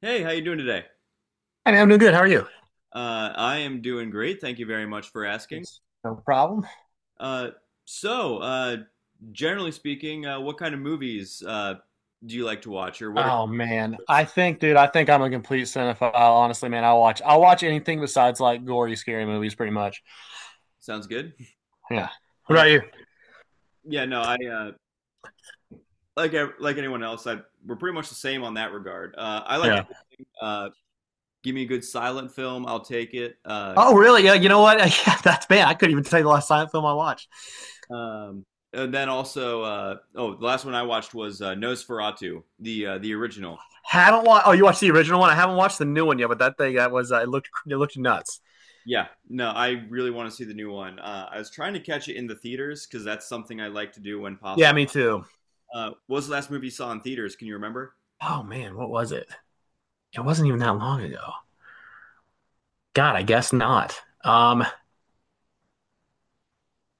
Hey, how you doing today? I mean, I'm doing good. How are you? I am doing great. Thank you very much for asking. Yes, no problem. Uh, so, uh, generally speaking, what kind of movies do you like to watch, or what are Oh man, I think, dude, I think I'm a complete cinephile. Honestly, man, I'll watch anything besides like gory, scary movies, pretty much. sounds good? Yeah. What Uh, about you? yeah, no, I like anyone else. I we're pretty much the same on that regard. I like Yeah. everything. Give me a good silent film, I'll take it. Oh, really? Yeah. You know what? Yeah, that's bad. I couldn't even tell you the last silent film I watched. um, and then also, oh, the last one I watched was Nosferatu, the original. Haven't watched. Oh, you watched the original one. I haven't watched the new one yet, but that thing that was it looked nuts. Yeah, no, I really want to see the new one. I was trying to catch it in the theaters because that's something I like to do when Yeah, possible. me too. What was the last movie you saw in theaters? Can you remember? Oh man, what was it? It wasn't even that long ago. God, I guess not.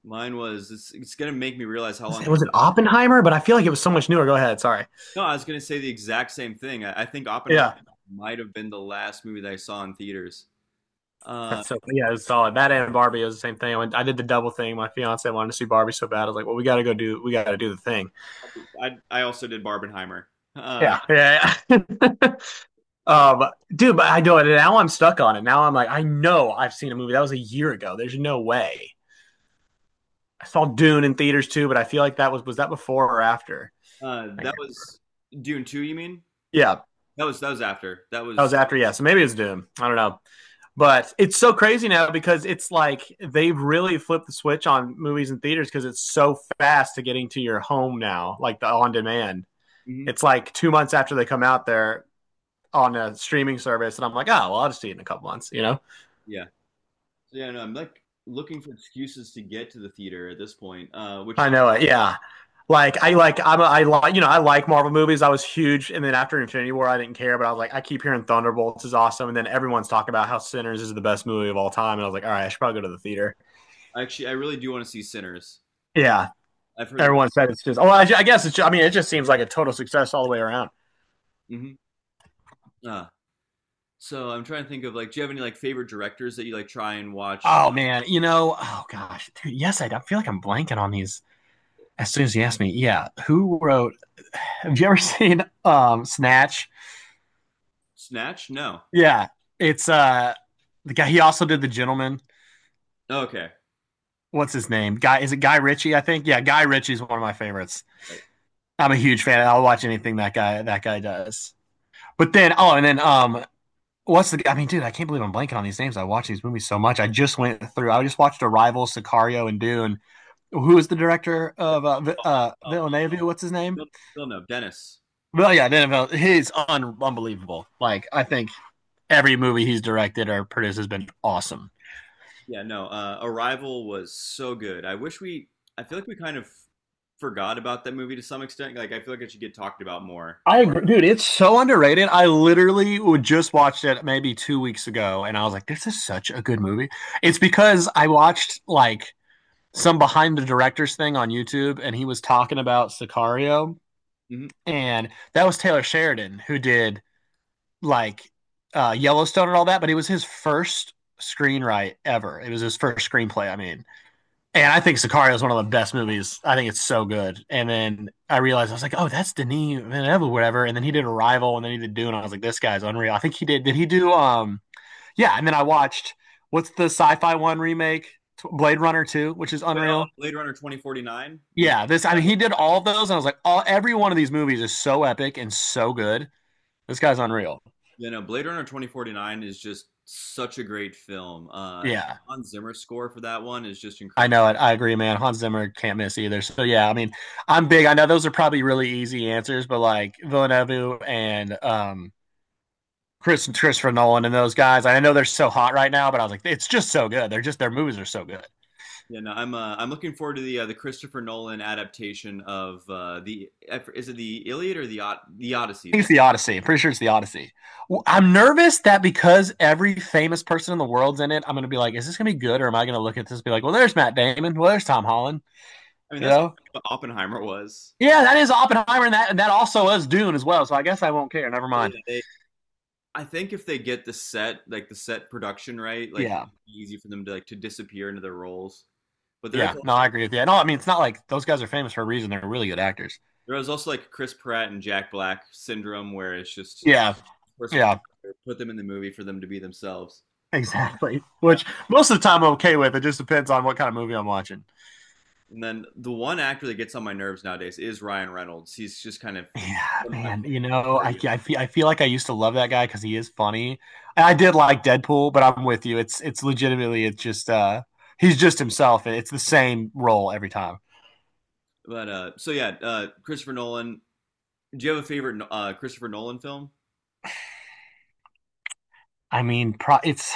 Mine was. It's going to make me realize how long. Was it Oppenheimer? But I feel like it was so much newer. Go ahead. Sorry. No, I was going to say the exact same thing. I think Oppenheimer Yeah. might have been the last movie that I saw in theaters. Uh, That's so yeah, it's solid. That and Barbie was the same thing. I did the double thing. My fiance wanted to see Barbie so bad. I was like, well, we got to do the thing. I also did Barbenheimer. Uh, Yeah. Yeah, yeah. um, dude, but I know it. Now I'm stuck on it. Now I'm like, I know I've seen a movie that was a year ago. There's no way. I saw Dune in theaters too, but I feel like that was that before or after? Thank that you. was Dune two. You mean Yeah, that was after that that was. was after, yeah. So maybe it's Doom. I don't know. But it's so crazy now because it's like they've really flipped the switch on movies and theaters because it's so fast to getting to your home now, like the on demand. Mhm. It's like 2 months after they come out, there on a streaming service, and I'm like, oh, well, I'll just see it in a couple months. Yeah. So yeah, no, I'm like looking for excuses to get to the theater at this point, which I know it, yeah. I'm a, I like I like Marvel movies. I was huge, and then after Infinity War, I didn't care. But I was like, I keep hearing Thunderbolts is awesome, and then everyone's talking about how Sinners is the best movie of all time, and I was like, all right, I should probably go to the theater. actually, I really do want to see Sinners. Yeah, I've heard the. everyone said it's just. Oh, I guess it's. Just, I mean, it just seems like a total success all the way around. hmm Ah, so I'm trying to think of like, do you have any like favorite directors that you like try and watch? Oh man, you know, oh gosh, dude, yes, I feel like I'm blanking on these. As soon as you asked me, yeah, who wrote? Have you ever seen Snatch? Snatch? No. Yeah, it's the guy. He also did The Gentleman. Okay. What's his name? Guy, is it Guy Ritchie? I think. Yeah, Guy Ritchie's one of my favorites. Right. I'm a huge fan. I'll watch anything that guy does. But then, oh, and then what's the? I mean, dude, I can't believe I'm blanking on these names. I watch these movies so much. I just went through. I just watched Arrival, Sicario, and Dune. Who is the director of Oh, Villeneuve? What's his name? you'll, Dennis. Well, yeah, Villeneuve. He's unbelievable. Like, I think every movie he's directed or produced has been awesome. Yeah. No. Arrival was so good. I wish we. I feel like we kind of forgot about that movie to some extent. Like, I feel like it should get talked about more. I agree, dude. It's so underrated. I literally just watched it maybe 2 weeks ago, and I was like, "This is such a good movie." It's because I watched like some behind the directors thing on YouTube, and he was talking about Sicario, hmm and that was Taylor Sheridan who did like Yellowstone and all that, but it was his first screenwrite ever. It was his first screenplay. I mean, and I think Sicario is one of the best movies. I think it's so good. And then I realized I was like, oh, that's Denis Villeneuve, or whatever. And then he did Arrival, and then he did Dune. I was like, this guy's unreal. I think he did. Did he do? Yeah. And then I watched what's the sci-fi one remake, Blade Runner Two, which is Wait, oh, oh, unreal. Blade Runner 2049. Yes. Yeah, this. I mean, that is- he did all of those, and I was like, all every one of these movies is so epic and so good. This guy's unreal. Yeah. No. Blade Runner 2049 is just such a great film. Yeah, Hans Zimmer score for that one is just I incredible. know it. I agree, man. Hans Zimmer can't miss either. So yeah, I mean, I'm big. I know those are probably really easy answers, but like Villeneuve and Christopher Nolan and those guys, I know they're so hot right now, but I was like, it's just so good. They're just their movies are so good. I Yeah, no, I'm looking forward to the Christopher Nolan adaptation of the is it the Iliad or the Od the Odyssey? think The it's the Odyssey. I'm pretty sure it's the Odyssey. Well, I'm nervous that because every famous person in the world's in it, I'm gonna be like, is this gonna be good, or am I gonna look at this and be like, well, there's Matt Damon, well, there's Tom Holland, I mean you that's know? what Oppenheimer was. Yeah, that is Oppenheimer, and that also is Dune as well. So I guess I won't care. Never So, mind. yeah, I think if they get the set like the set production right, like Yeah. it'll be easy for them to like to disappear into their roles. But there is Yeah, no, also, I agree with you. I know. I mean, it's not like those guys are famous for a reason. They're really good actors. There is also like Chris Pratt and Jack Black syndrome where it's just Yeah, person's yeah, put them in the movie for them to be themselves. exactly. Which most of the time I'm okay with. It just depends on what kind of movie I'm watching. And then the one actor that gets on my nerves nowadays is Ryan Reynolds. He's just kind of Yeah, sometimes man. You know, dirty. I feel like I used to love that guy because he is funny. And I did like Deadpool, but I'm with you. It's legitimately it's just he's just himself, it's the same role every time. But yeah, Christopher Nolan. Do you have a favorite no, Christopher Nolan film? I mean,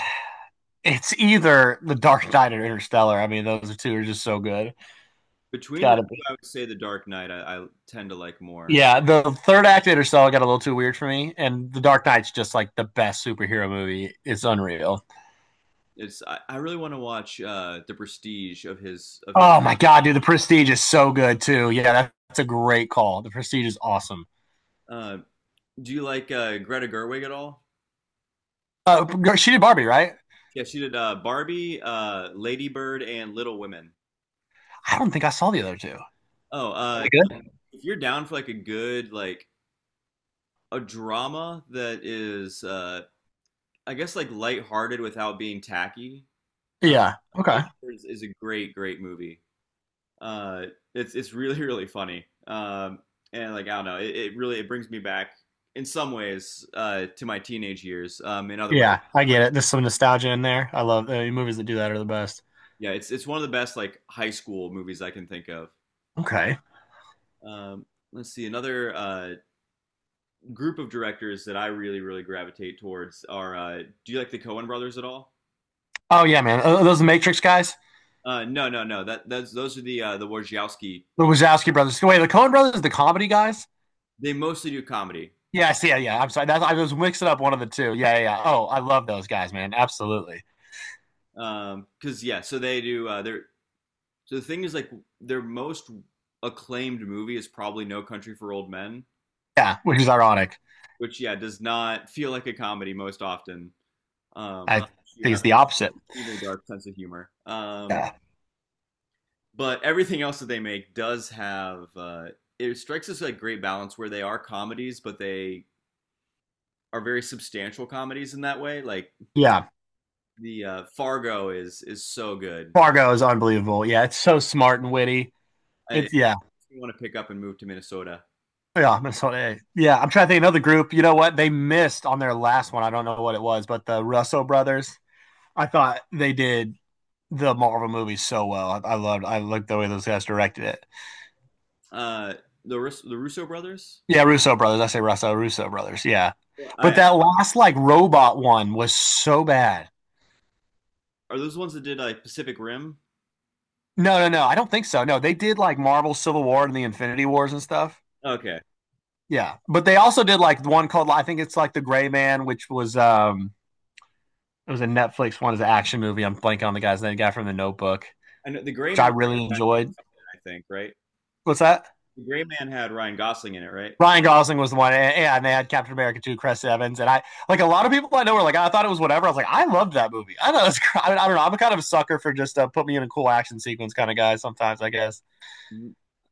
it's either The Dark Knight or Interstellar. I mean, those two are just so good. It's Between the got to two, be. I would say The Dark Knight. I tend to like more. Yeah, the third act of Interstellar got a little too weird for me, and The Dark Knight's just like the best superhero movie. It's unreal. It's I really want to watch The Prestige of his. Oh my god, dude, The Prestige is so good too. Yeah, that's a great call. The Prestige is awesome. Uh, do you like Greta Gerwig at all? She did Barbie, right? Yeah, she did Barbie, Lady Bird, and Little Women. I don't think I saw the other two. Oh, Are uh, they good? if you're down for like a good like a drama that is, I guess like lighthearted without being tacky, uh, Yeah. Okay. Lady Bird is a great great movie. uh, it's really really funny. And like I don't know, it really it brings me back in some ways to my teenage years. In other ways, Yeah, I get it. There's some nostalgia in there. I love movies that do that are the best. yeah, it's one of the best like high school movies I can think of. Okay. Um, let's see, another group of directors that I really really gravitate towards are. Do you like the Coen Brothers at all? Oh yeah, man. Are those the Matrix guys, No, no. That's those are the Wojciechowski. the Wazowski brothers. Wait, the Coen brothers, the comedy guys. They mostly do comedy. Yes, yeah, yeah. I'm sorry. That's, I was mixing up one of the two. Yeah, yeah, yeah. Oh, I love those guys, man. Absolutely. Cause yeah, so they do. They're so the thing is, like, their most acclaimed movie is probably No Country for Old Men, Yeah, which is ironic. which yeah does not feel like a comedy most often. Um, I think you have it's an the opposite. extremely dark sense of humor. Yeah. But everything else that they make does have it strikes us like great balance where they are comedies, but they are very substantial comedies in that way. Like Yeah. the Fargo is so good. Fargo is unbelievable. Yeah, it's so smart and witty. If It's yeah. want to pick up and move to Minnesota, Yeah, that's what yeah. I'm trying to think of another group. You know what? They missed on their last one. I don't know what it was, but the Russo brothers. I thought they did the Marvel movies so well. I loved I liked the way those guys directed it. uh, the Russo brothers. Yeah, Russo brothers. I say Russo, Russo brothers. Yeah. I, But that last like robot one was so bad. Are those the ones that did like Pacific Rim? No, no, no. I don't think so. No, they did like Marvel Civil War and the Infinity Wars and stuff. Okay, Yeah. But they also did like one called I think it's like The Gray Man, which was it was a Netflix one, is an action movie. I'm blanking on the guy's name, the guy from the notebook, I know the Gray which I Man. Had really Ryan enjoyed. Gosling in it, I think right. What's that? The Gray Man had Ryan Gosling in it, right? Ryan Gosling was the one, and, they had Captain America 2, Chris Evans, and I like a lot of people I know were like, I thought it was whatever. I was like, I loved that movie. I thought it was. I, mean, I don't know. I'm a kind of a sucker for just put me in a cool action sequence kind of guy sometimes, I guess.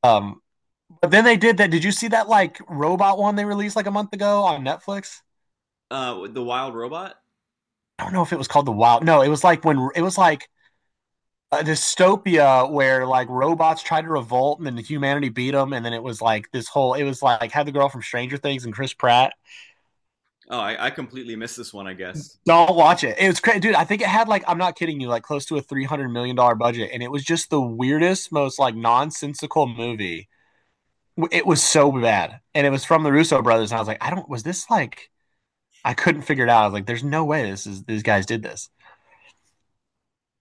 Um, but then they did that. Did you see that like robot one they released like a month ago on Netflix? The Wild Robot. I don't know if it was called The Wild. No, it was like when it was like a dystopia where like robots tried to revolt and then humanity beat them, and then it was like this whole. It was like had the girl from Stranger Things and Chris Pratt. Oh, I completely missed this one. I guess. Don't watch it. It was crazy, dude. I think it had like I'm not kidding you, like close to a $300 million budget, and it was just the weirdest, most like nonsensical movie. It was so bad, and it was from the Russo brothers. And I was like, I don't. Was this like? I couldn't figure it out. I was like, there's no way this is these guys did this.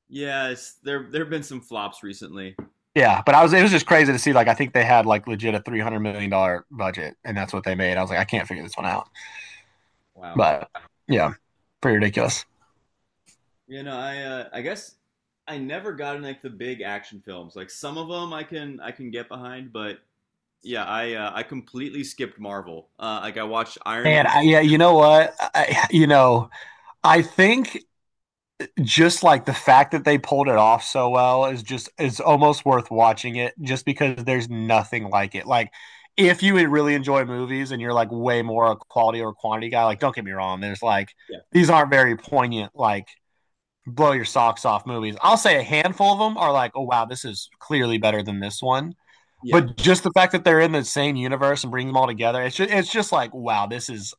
Yeah, it's there there have been some flops recently. Yeah, but I was. It was just crazy to see. Like, I think they had like legit a $300 million budget, and that's what they made. I was like, I can't figure this one out. Wow. But yeah, pretty ridiculous. You know, I guess I never got in like the big action films. Like some of them I can get behind, but yeah, I completely skipped Marvel. Like I watched Iron And Man. Yeah, you know what? You know, I think just like the fact that they pulled it off so well is just is almost worth watching it just because there's nothing like it. Like if you would really enjoy movies and you're like way more a quality or quantity guy, like don't get me wrong, there's like Yeah, these aren't very poignant like blow your socks off movies. I'll say a handful of them are like, oh wow, this is clearly better than this one, yeah. but just the fact that they're in the same universe and bring them all together, it's just like, wow, this is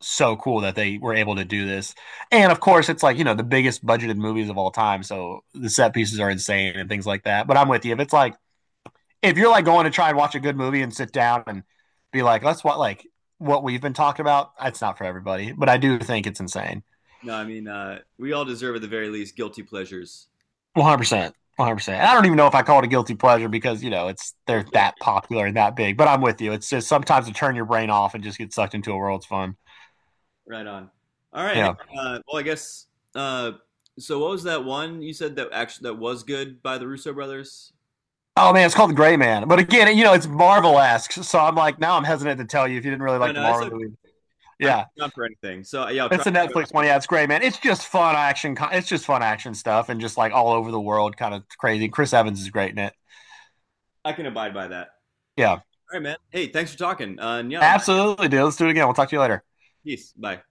so cool that they were able to do this. And of course, it's like, you know, the biggest budgeted movies of all time. So the set pieces are insane and things like that. But I'm with you. If it's like, if you're like going to try and watch a good movie and sit down and be like, let's what, like, what we've been talking about, it's not for everybody. But I do think it's insane. No, I mean we all deserve at the very least guilty pleasures. 100%, 100%. And I don't even know if I call it a guilty pleasure because you know it's Yeah, they're yeah, that popular and that big. But I'm with you. It's just sometimes to turn your brain off and just get sucked into a world's fun. right on. All right. Hey, Yeah. uh, well, I guess. Uh, so what was that one you said that actually that was good by the Russo brothers? Oh man, it's called the Gray Man. But again, you know, it's Marvel esque. So I'm like, now I'm hesitant to tell you if you didn't really No, like the no, it's Marvel okay. movie. I'm Yeah. not for anything. So yeah, I'll try. It's a Netflix one. Yeah, it's great, man. It's just fun action. It's just fun action stuff and just like all over the world, kind of crazy. Chris Evans is great in it. I can abide by that. All Yeah, right, man. Hey, thanks for talking. And yeah, absolutely, dude. Let's do it again. We'll talk to you later. peace. Bye.